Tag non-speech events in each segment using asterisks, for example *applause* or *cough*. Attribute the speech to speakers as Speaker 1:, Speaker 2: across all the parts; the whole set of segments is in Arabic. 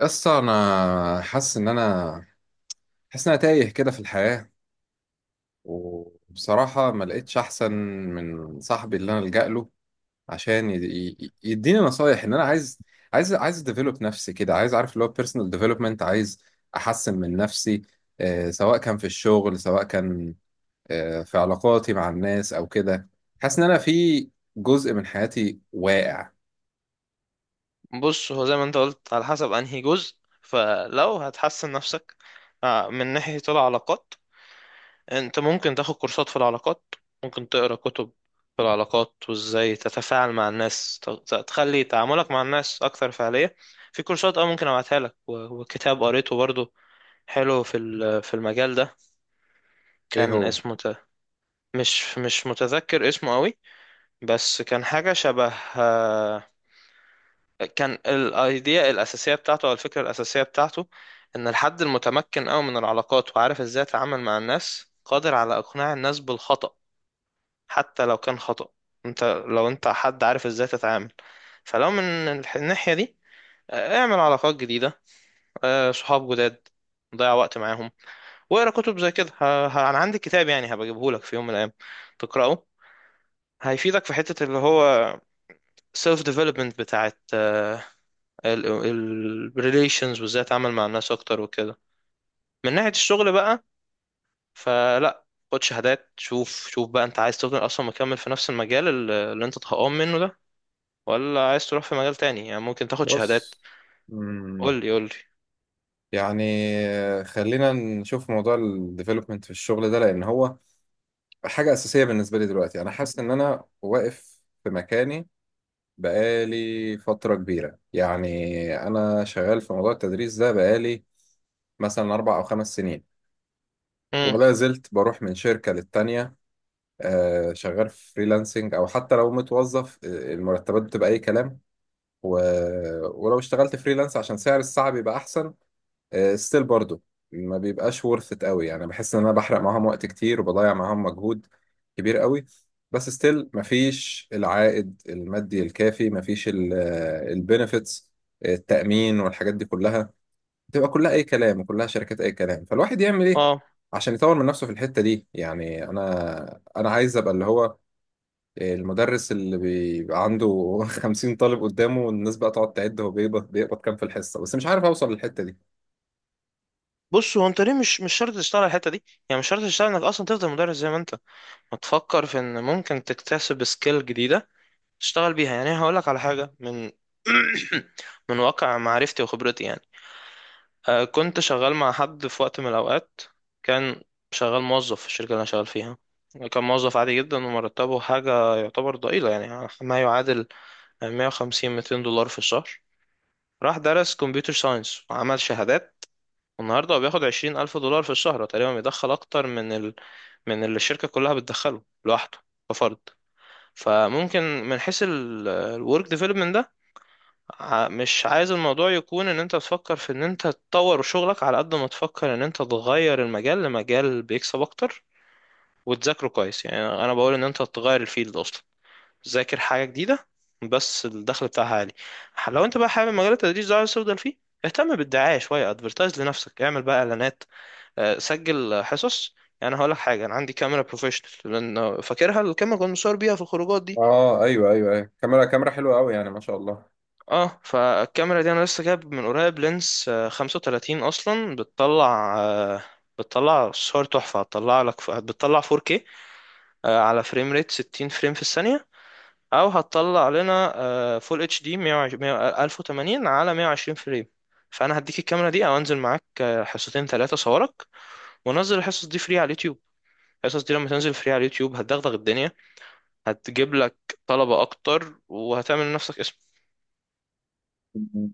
Speaker 1: قصة أنا حاسس إن أنا تايه كده في الحياة. وبصراحة ما لقيتش أحسن من صاحبي اللي أنا ألجأ له عشان يديني نصايح. إن أنا عايز أديفلوب نفسي كده، عايز أعرف اللي هو بيرسونال ديفلوبمنت، عايز أحسن من نفسي، سواء كان في الشغل، سواء كان في علاقاتي مع الناس أو كده. حاسس إن أنا في جزء من حياتي واقع.
Speaker 2: بص، هو زي ما انت قلت على حسب انهي جزء. فلو هتحسن نفسك من ناحية العلاقات، انت ممكن تاخد كورسات في العلاقات، ممكن تقرا كتب في العلاقات وازاي تتفاعل مع الناس، تخلي تعاملك مع الناس اكثر فعالية. في كورسات ممكن ابعتها لك، وكتاب قريته برضو حلو في في المجال ده،
Speaker 1: إيه
Speaker 2: كان
Speaker 1: هو؟
Speaker 2: اسمه مش متذكر اسمه قوي، بس كان حاجة شبه آه، كان الايديا الاساسيه بتاعته او الفكره الاساسيه بتاعته ان الحد المتمكن قوي من العلاقات وعارف ازاي يتعامل مع الناس قادر على اقناع الناس بالخطأ حتى لو كان خطأ. انت لو انت حد عارف ازاي تتعامل، فلو من الناحيه دي، اعمل علاقات جديده، صحاب جداد، ضيع وقت معاهم واقرا كتب زي كده. انا عندي كتاب يعني هبجيبه لك في يوم من الايام تقراه، هيفيدك في حته اللي هو سيلف ديفلوبمنت بتاعت الريليشنز وازاي اتعامل مع الناس اكتر وكده. من ناحية الشغل بقى، فلا، خد شهادات، شوف شوف بقى انت عايز تفضل اصلا مكمل في نفس المجال اللي انت اتهقان منه ده، ولا عايز تروح في مجال تاني؟ يعني ممكن تاخد شهادات.
Speaker 1: بص،
Speaker 2: قول لي قول لي.
Speaker 1: يعني خلينا نشوف موضوع الديفلوبمنت في الشغل ده، لان هو حاجه اساسيه بالنسبه لي. دلوقتي انا حاسس ان انا واقف في مكاني بقالي فتره كبيره. يعني انا شغال في موضوع التدريس ده بقالي مثلا اربع او خمس سنين،
Speaker 2: امم
Speaker 1: ولا زلت بروح من شركه للتانيه. شغال في فريلانسنج او حتى لو متوظف، المرتبات بتبقى اي كلام. و... ولو اشتغلت فريلانس عشان سعر الساعه بيبقى احسن، ستيل برضو ما بيبقاش worth it قوي. يعني بحس ان انا بحرق معاهم وقت كتير وبضيع معاهم مجهود كبير قوي، بس ستيل ما فيش العائد المادي الكافي، ما فيش البنفيتس، التأمين والحاجات دي كلها تبقى كلها اي كلام، وكلها شركات اي كلام. فالواحد يعمل ايه
Speaker 2: اه
Speaker 1: عشان يطور من نفسه في الحتة دي؟ يعني انا عايز ابقى اللي هو المدرس اللي بيبقى عنده *laughs* 50 طالب قدامه، والناس بقى تقعد تعد هو بيقبض كام في الحصة. بس مش عارف اوصل للحتة دي.
Speaker 2: بص، هو انت ليه؟ مش شرط تشتغل على الحتة دي، يعني مش شرط تشتغل انك اصلا تفضل مدرس زي ما انت. ما تفكر في ان ممكن تكتسب سكيل جديدة تشتغل بيها. يعني هقول لك على حاجة من *coughs* *clears throat* من واقع معرفتي وخبرتي يعني. كنت شغال مع حد في وقت من الأوقات، كان شغال موظف في الشركة اللي أنا شغال فيها، كان موظف عادي جدا ومرتبه حاجة يعتبر ضئيلة، يعني ما يعادل 150 200 دولار في الشهر. راح درس كمبيوتر ساينس وعمل شهادات، والنهاردة هو بياخد 20 ألف دولار في الشهر. هو تقريبا بيدخل أكتر من ال... من اللي الشركة كلها بتدخله لوحده كفرد. فممكن من حيث الورك ديفلوبمنت، مش عايز الموضوع يكون ان انت تفكر في ان انت تطور شغلك على قد ما تفكر ان انت تغير المجال لمجال بيكسب اكتر وتذاكره كويس. يعني انا بقول ان انت تغير الفيلد اصلا، ذاكر حاجة جديدة بس الدخل بتاعها عالي. لو انت بقى حابب مجال التدريس ده عايز تفضل فيه، اهتم بالدعاية شوية، ادفرتايز لنفسك، اعمل بقى اعلانات، سجل حصص. يعني هقول لك حاجة، انا عندي كاميرا بروفيشنال، لان فاكرها الكاميرا كنت مصور بيها في الخروجات دي.
Speaker 1: اه، ايوه ايوه ايوه، كاميرا حلوه قوي يعني، ما شاء الله.
Speaker 2: اه فالكاميرا دي انا لسه جايب من قريب لينس 35 اصلا، بتطلع بتطلع صور تحفة، هتطلع لك بتطلع 4K على فريم ريت 60 فريم في الثانية، او هتطلع لنا فول اتش دي 1080 على 120 فريم. فانا هديك الكاميرا دي او انزل معاك حصتين 3 صورك، ونزل الحصص دي فري على اليوتيوب. الحصص دي لما تنزل فري على اليوتيوب هتدغدغ الدنيا، هتجيب لك طلبة اكتر وهتعمل لنفسك اسم.
Speaker 1: مم.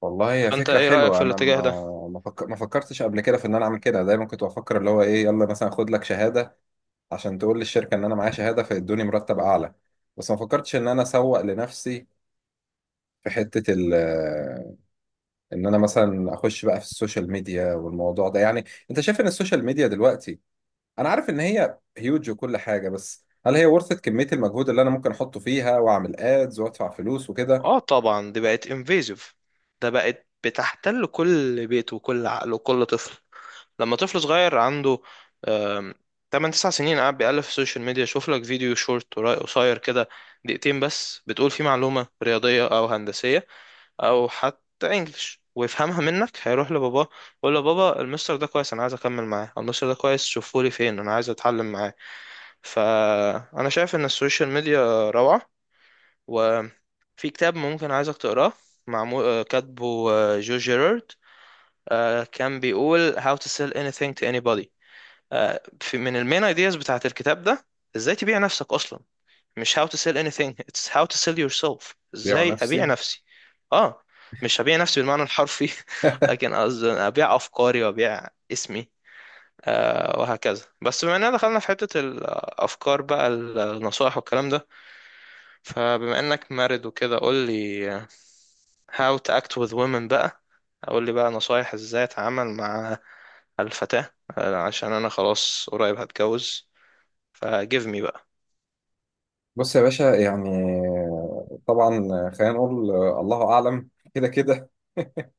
Speaker 1: والله هي
Speaker 2: فانت
Speaker 1: فكره
Speaker 2: ايه رأيك
Speaker 1: حلوه.
Speaker 2: في
Speaker 1: انا
Speaker 2: الاتجاه ده؟
Speaker 1: ما ما فك- ما فكرتش قبل كده في ان انا اعمل كده. دايما كنت بفكر اللي هو ايه، يلا مثلا خد لك شهاده عشان تقول للشركه ان انا معايا شهاده فيدوني مرتب اعلى، بس ما فكرتش ان انا اسوق لنفسي في حته ال ان انا مثلا اخش بقى في السوشيال ميديا والموضوع ده. يعني انت شايف ان السوشيال ميديا دلوقتي، انا عارف ان هي هيوج وكل حاجه، بس هل هي ورثة كمية المجهود اللي أنا ممكن أحطه فيها وأعمل ادز وأدفع فلوس وكده؟
Speaker 2: اه طبعا، دي بقت انفيزيف، ده بقت بتحتل كل بيت وكل عقل وكل طفل. لما طفل صغير عنده آم، 8 9 سنين قاعد بيألف في السوشيال ميديا، شوف لك فيديو شورت قصير كده دقيقتين بس بتقول فيه معلومة رياضية او هندسية او حتى انجلش، ويفهمها منك، هيروح لباباه يقول له: بابا، المستر ده كويس انا عايز اكمل معاه، أو المستر ده كويس شوفهولي فين انا عايز اتعلم معاه. فانا شايف ان السوشيال ميديا روعة. وفي كتاب ممكن عايزك تقراه، معمول كاتبه جو جيرارد، كان بيقول How to sell anything to anybody. من المين ايدياز بتاعت الكتاب ده ازاي تبيع نفسك اصلا. مش how to sell anything، it's how to sell yourself،
Speaker 1: بيع
Speaker 2: ازاي ابيع
Speaker 1: نفسي.
Speaker 2: نفسي. اه، مش هبيع نفسي بالمعنى الحرفي، *laughs* لكن قصدي ابيع افكاري وابيع اسمي آه، وهكذا. بس بما اننا دخلنا في حتة الافكار بقى النصائح والكلام ده، فبما انك مارد وكده، قول لي How to Act with Women بقى، اقول لي بقى نصايح ازاي اتعامل مع الفتاة، عشان انا خلاص قريب هتجوز، فجيف مي بقى.
Speaker 1: بص يا باشا، يعني طبعا، خلينا نقول الله اعلم كده كده.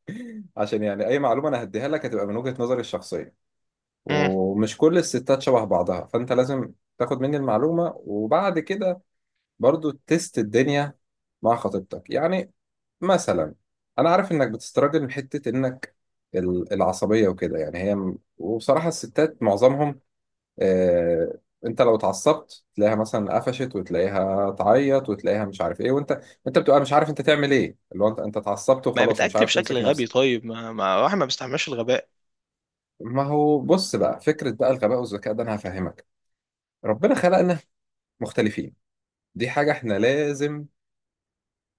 Speaker 1: *laughs* عشان يعني اي معلومه انا هديها لك هتبقى من وجهه نظري الشخصيه،
Speaker 2: مم.
Speaker 1: ومش كل الستات شبه بعضها، فانت لازم تاخد مني المعلومه وبعد كده برضو تست الدنيا مع خطيبتك. يعني مثلا انا عارف انك بتستراجل من حته انك العصبيه وكده. يعني هي، وبصراحه الستات معظمهم، آه، انت لو اتعصبت تلاقيها مثلا قفشت، وتلاقيها تعيط، وتلاقيها مش عارف ايه. وانت انت بتبقى مش عارف انت تعمل ايه، اللي هو انت اتعصبت
Speaker 2: ما
Speaker 1: وخلاص ومش
Speaker 2: بتأكت
Speaker 1: عارف
Speaker 2: بشكل
Speaker 1: تمسك
Speaker 2: غبي.
Speaker 1: نفسك.
Speaker 2: طيب، ما واحد ما بيستحملش الغباء.
Speaker 1: ما هو بص بقى، فكرة بقى الغباء والذكاء ده انا هفهمك. ربنا خلقنا مختلفين، دي حاجة احنا لازم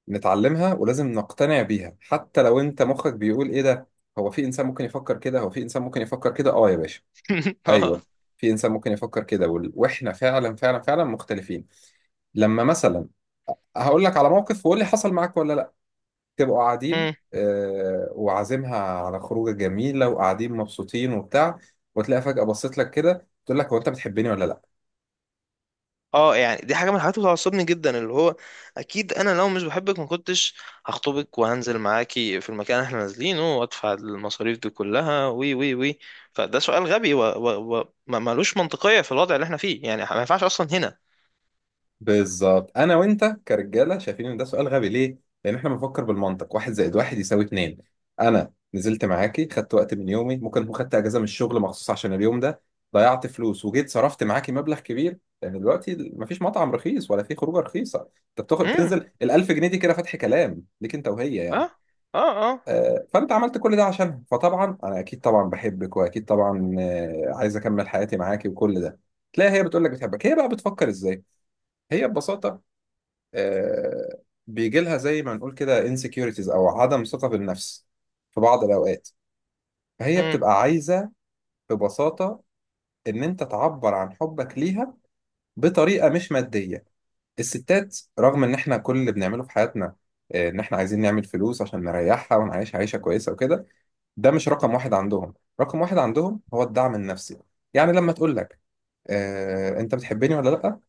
Speaker 1: نتعلمها ولازم نقتنع بيها، حتى لو انت مخك بيقول ايه ده، هو في انسان ممكن يفكر كده. اه يا باشا.
Speaker 2: *laughs* اه.
Speaker 1: ايوه. في انسان ممكن يفكر كده، واحنا فعلا مختلفين. لما مثلا، هقول لك على موقف وقول لي حصل معاك ولا لا. تبقوا قاعدين،
Speaker 2: مم.
Speaker 1: وعازمها على خروجه جميله، وقاعدين مبسوطين وبتاع، وتلاقي فجاه بصيت لك كده، تقول لك هو انت بتحبني ولا لا؟
Speaker 2: اه، يعني دي حاجة من الحاجات اللي بتعصبني جدا، اللي هو اكيد انا لو مش بحبك ما كنتش هخطبك وهنزل معاكي في المكان اللي احنا نازلينه وادفع المصاريف دي كلها وي وي وي. فده سؤال غبي و, و, و ملوش منطقية في الوضع اللي احنا فيه، يعني ما ينفعش اصلا.
Speaker 1: بالظبط، انا وانت كرجاله شايفين ان ده سؤال غبي. ليه؟ لان احنا بنفكر بالمنطق، واحد زائد واحد يساوي اتنين. انا نزلت معاكي، خدت وقت من يومي، ممكن اكون خدت اجازه من الشغل مخصوص عشان اليوم ده، ضيعت فلوس وجيت صرفت معاكي مبلغ كبير، لان دلوقتي مفيش مطعم رخيص ولا في خروجه رخيصه. انت بتاخد
Speaker 2: هنا.
Speaker 1: تنزل ال 1000 جنيه دي كده، فتح كلام ليك انت وهي
Speaker 2: اه.
Speaker 1: يعني.
Speaker 2: اه. اه.
Speaker 1: فانت عملت كل ده عشانها، فطبعا انا اكيد طبعا بحبك، واكيد طبعا عايز اكمل حياتي معاكي وكل ده. تلاقي هي بتقول لك بتحبك؟ هي بقى بتفكر ازاي؟ هي ببساطه، آه، بيجي لها زي ما نقول كده insecurities او عدم ثقه في النفس في بعض الاوقات. فهي
Speaker 2: مم.
Speaker 1: بتبقى عايزه ببساطه ان انت تعبر عن حبك ليها بطريقه مش ماديه. الستات، رغم ان احنا كل اللي بنعمله في حياتنا، ان احنا عايزين نعمل فلوس عشان نريحها ونعيش عيشه كويسه وكده، ده مش رقم واحد عندهم. رقم واحد عندهم هو الدعم النفسي. يعني لما تقول لك انت بتحبني ولا لا،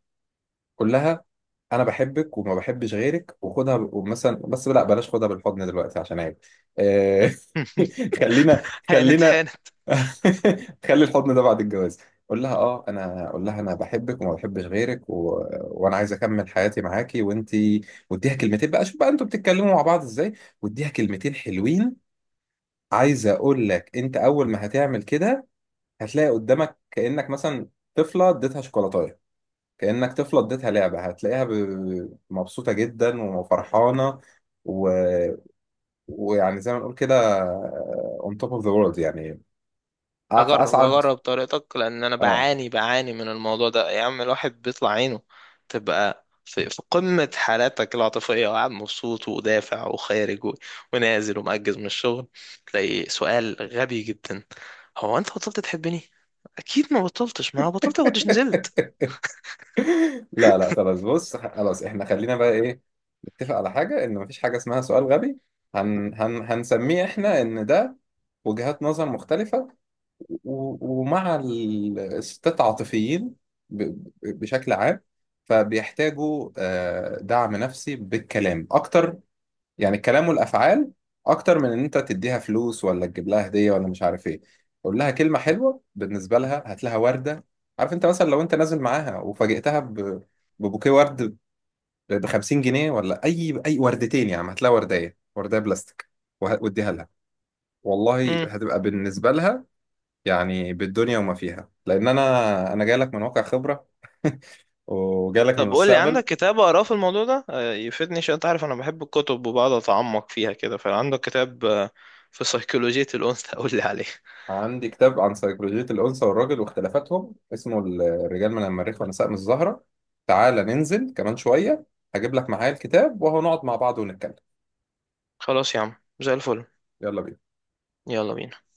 Speaker 1: كلها انا بحبك وما بحبش غيرك، ومثلا، بس لا، بلاش خدها بالحضن دلوقتي عشان عيب. آه، *laughs* خلينا
Speaker 2: *laughs* هانت
Speaker 1: خلينا
Speaker 2: هانت.
Speaker 1: *laughs* خلي الحضن ده بعد الجواز. قول لها اه انا، قول لها انا بحبك وما بحبش غيرك، وانا عايز اكمل حياتي معاكي وانتي، واديها كلمتين بقى. شوف بقى انتوا بتتكلموا مع بعض ازاي، واديها كلمتين حلوين. عايز اقول لك، انت اول ما هتعمل كده هتلاقي قدامك كانك مثلا طفله اديتها شوكولاته، كأنك طفلة اديتها لعبة، هتلاقيها مبسوطة جدا وفرحانة، و... ويعني زي ما نقول كده on top of the world يعني،
Speaker 2: اجرب
Speaker 1: أسعد.
Speaker 2: اجرب طريقتك، لان انا
Speaker 1: اه.
Speaker 2: بعاني من الموضوع ده يا عم، الواحد بيطلع عينه. تبقى في قمة حالاتك العاطفية وقاعد مبسوط ودافع وخارج ونازل ومأجز من الشغل، تلاقي سؤال غبي جدا: هو انت بطلت تحبني؟ اكيد ما بطلتش، ما أنا بطلت ما كنتش نزلت.
Speaker 1: لا لا خلاص، بص خلاص احنا خلينا بقى ايه، نتفق على حاجة ان مفيش حاجة اسمها سؤال غبي. هنسميه احنا ان ده وجهات نظر مختلفة. ومع الستات عاطفيين بشكل عام، فبيحتاجوا دعم نفسي بالكلام أكتر. يعني الكلام والافعال اكتر من ان انت تديها فلوس ولا تجيب لها هديه ولا مش عارف ايه. قول لها كلمه حلوه بالنسبه لها، هات لها ورده. عارف، انت مثلا لو انت نازل معاها وفاجئتها ببوكيه ورد ب 50 جنيه، ولا اي وردتين، يا عم هات لها ورديه بلاستيك واديها لها، والله
Speaker 2: *laughs*
Speaker 1: هتبقى بالنسبه لها يعني بالدنيا وما فيها. لان انا جاي لك من واقع خبره، *laughs* وجاي لك من
Speaker 2: طب قول لي، عندك
Speaker 1: المستقبل.
Speaker 2: كتاب اقراه في الموضوع ده يفيدني؟ عشان انت عارف انا بحب الكتب وبقعد اتعمق فيها كده. فعندك كتاب في سيكولوجية الانثى؟ *laughs* قول لي عليه.
Speaker 1: عندي كتاب عن سيكولوجية الأنثى والراجل واختلافاتهم، اسمه الرجال من المريخ ونساء من الزهرة. تعالى ننزل كمان شوية، هجيب لك معايا الكتاب، وهو نقعد مع بعض ونتكلم.
Speaker 2: خلاص يا عم، زي الفل.
Speaker 1: يلا بينا.
Speaker 2: يلا بينا.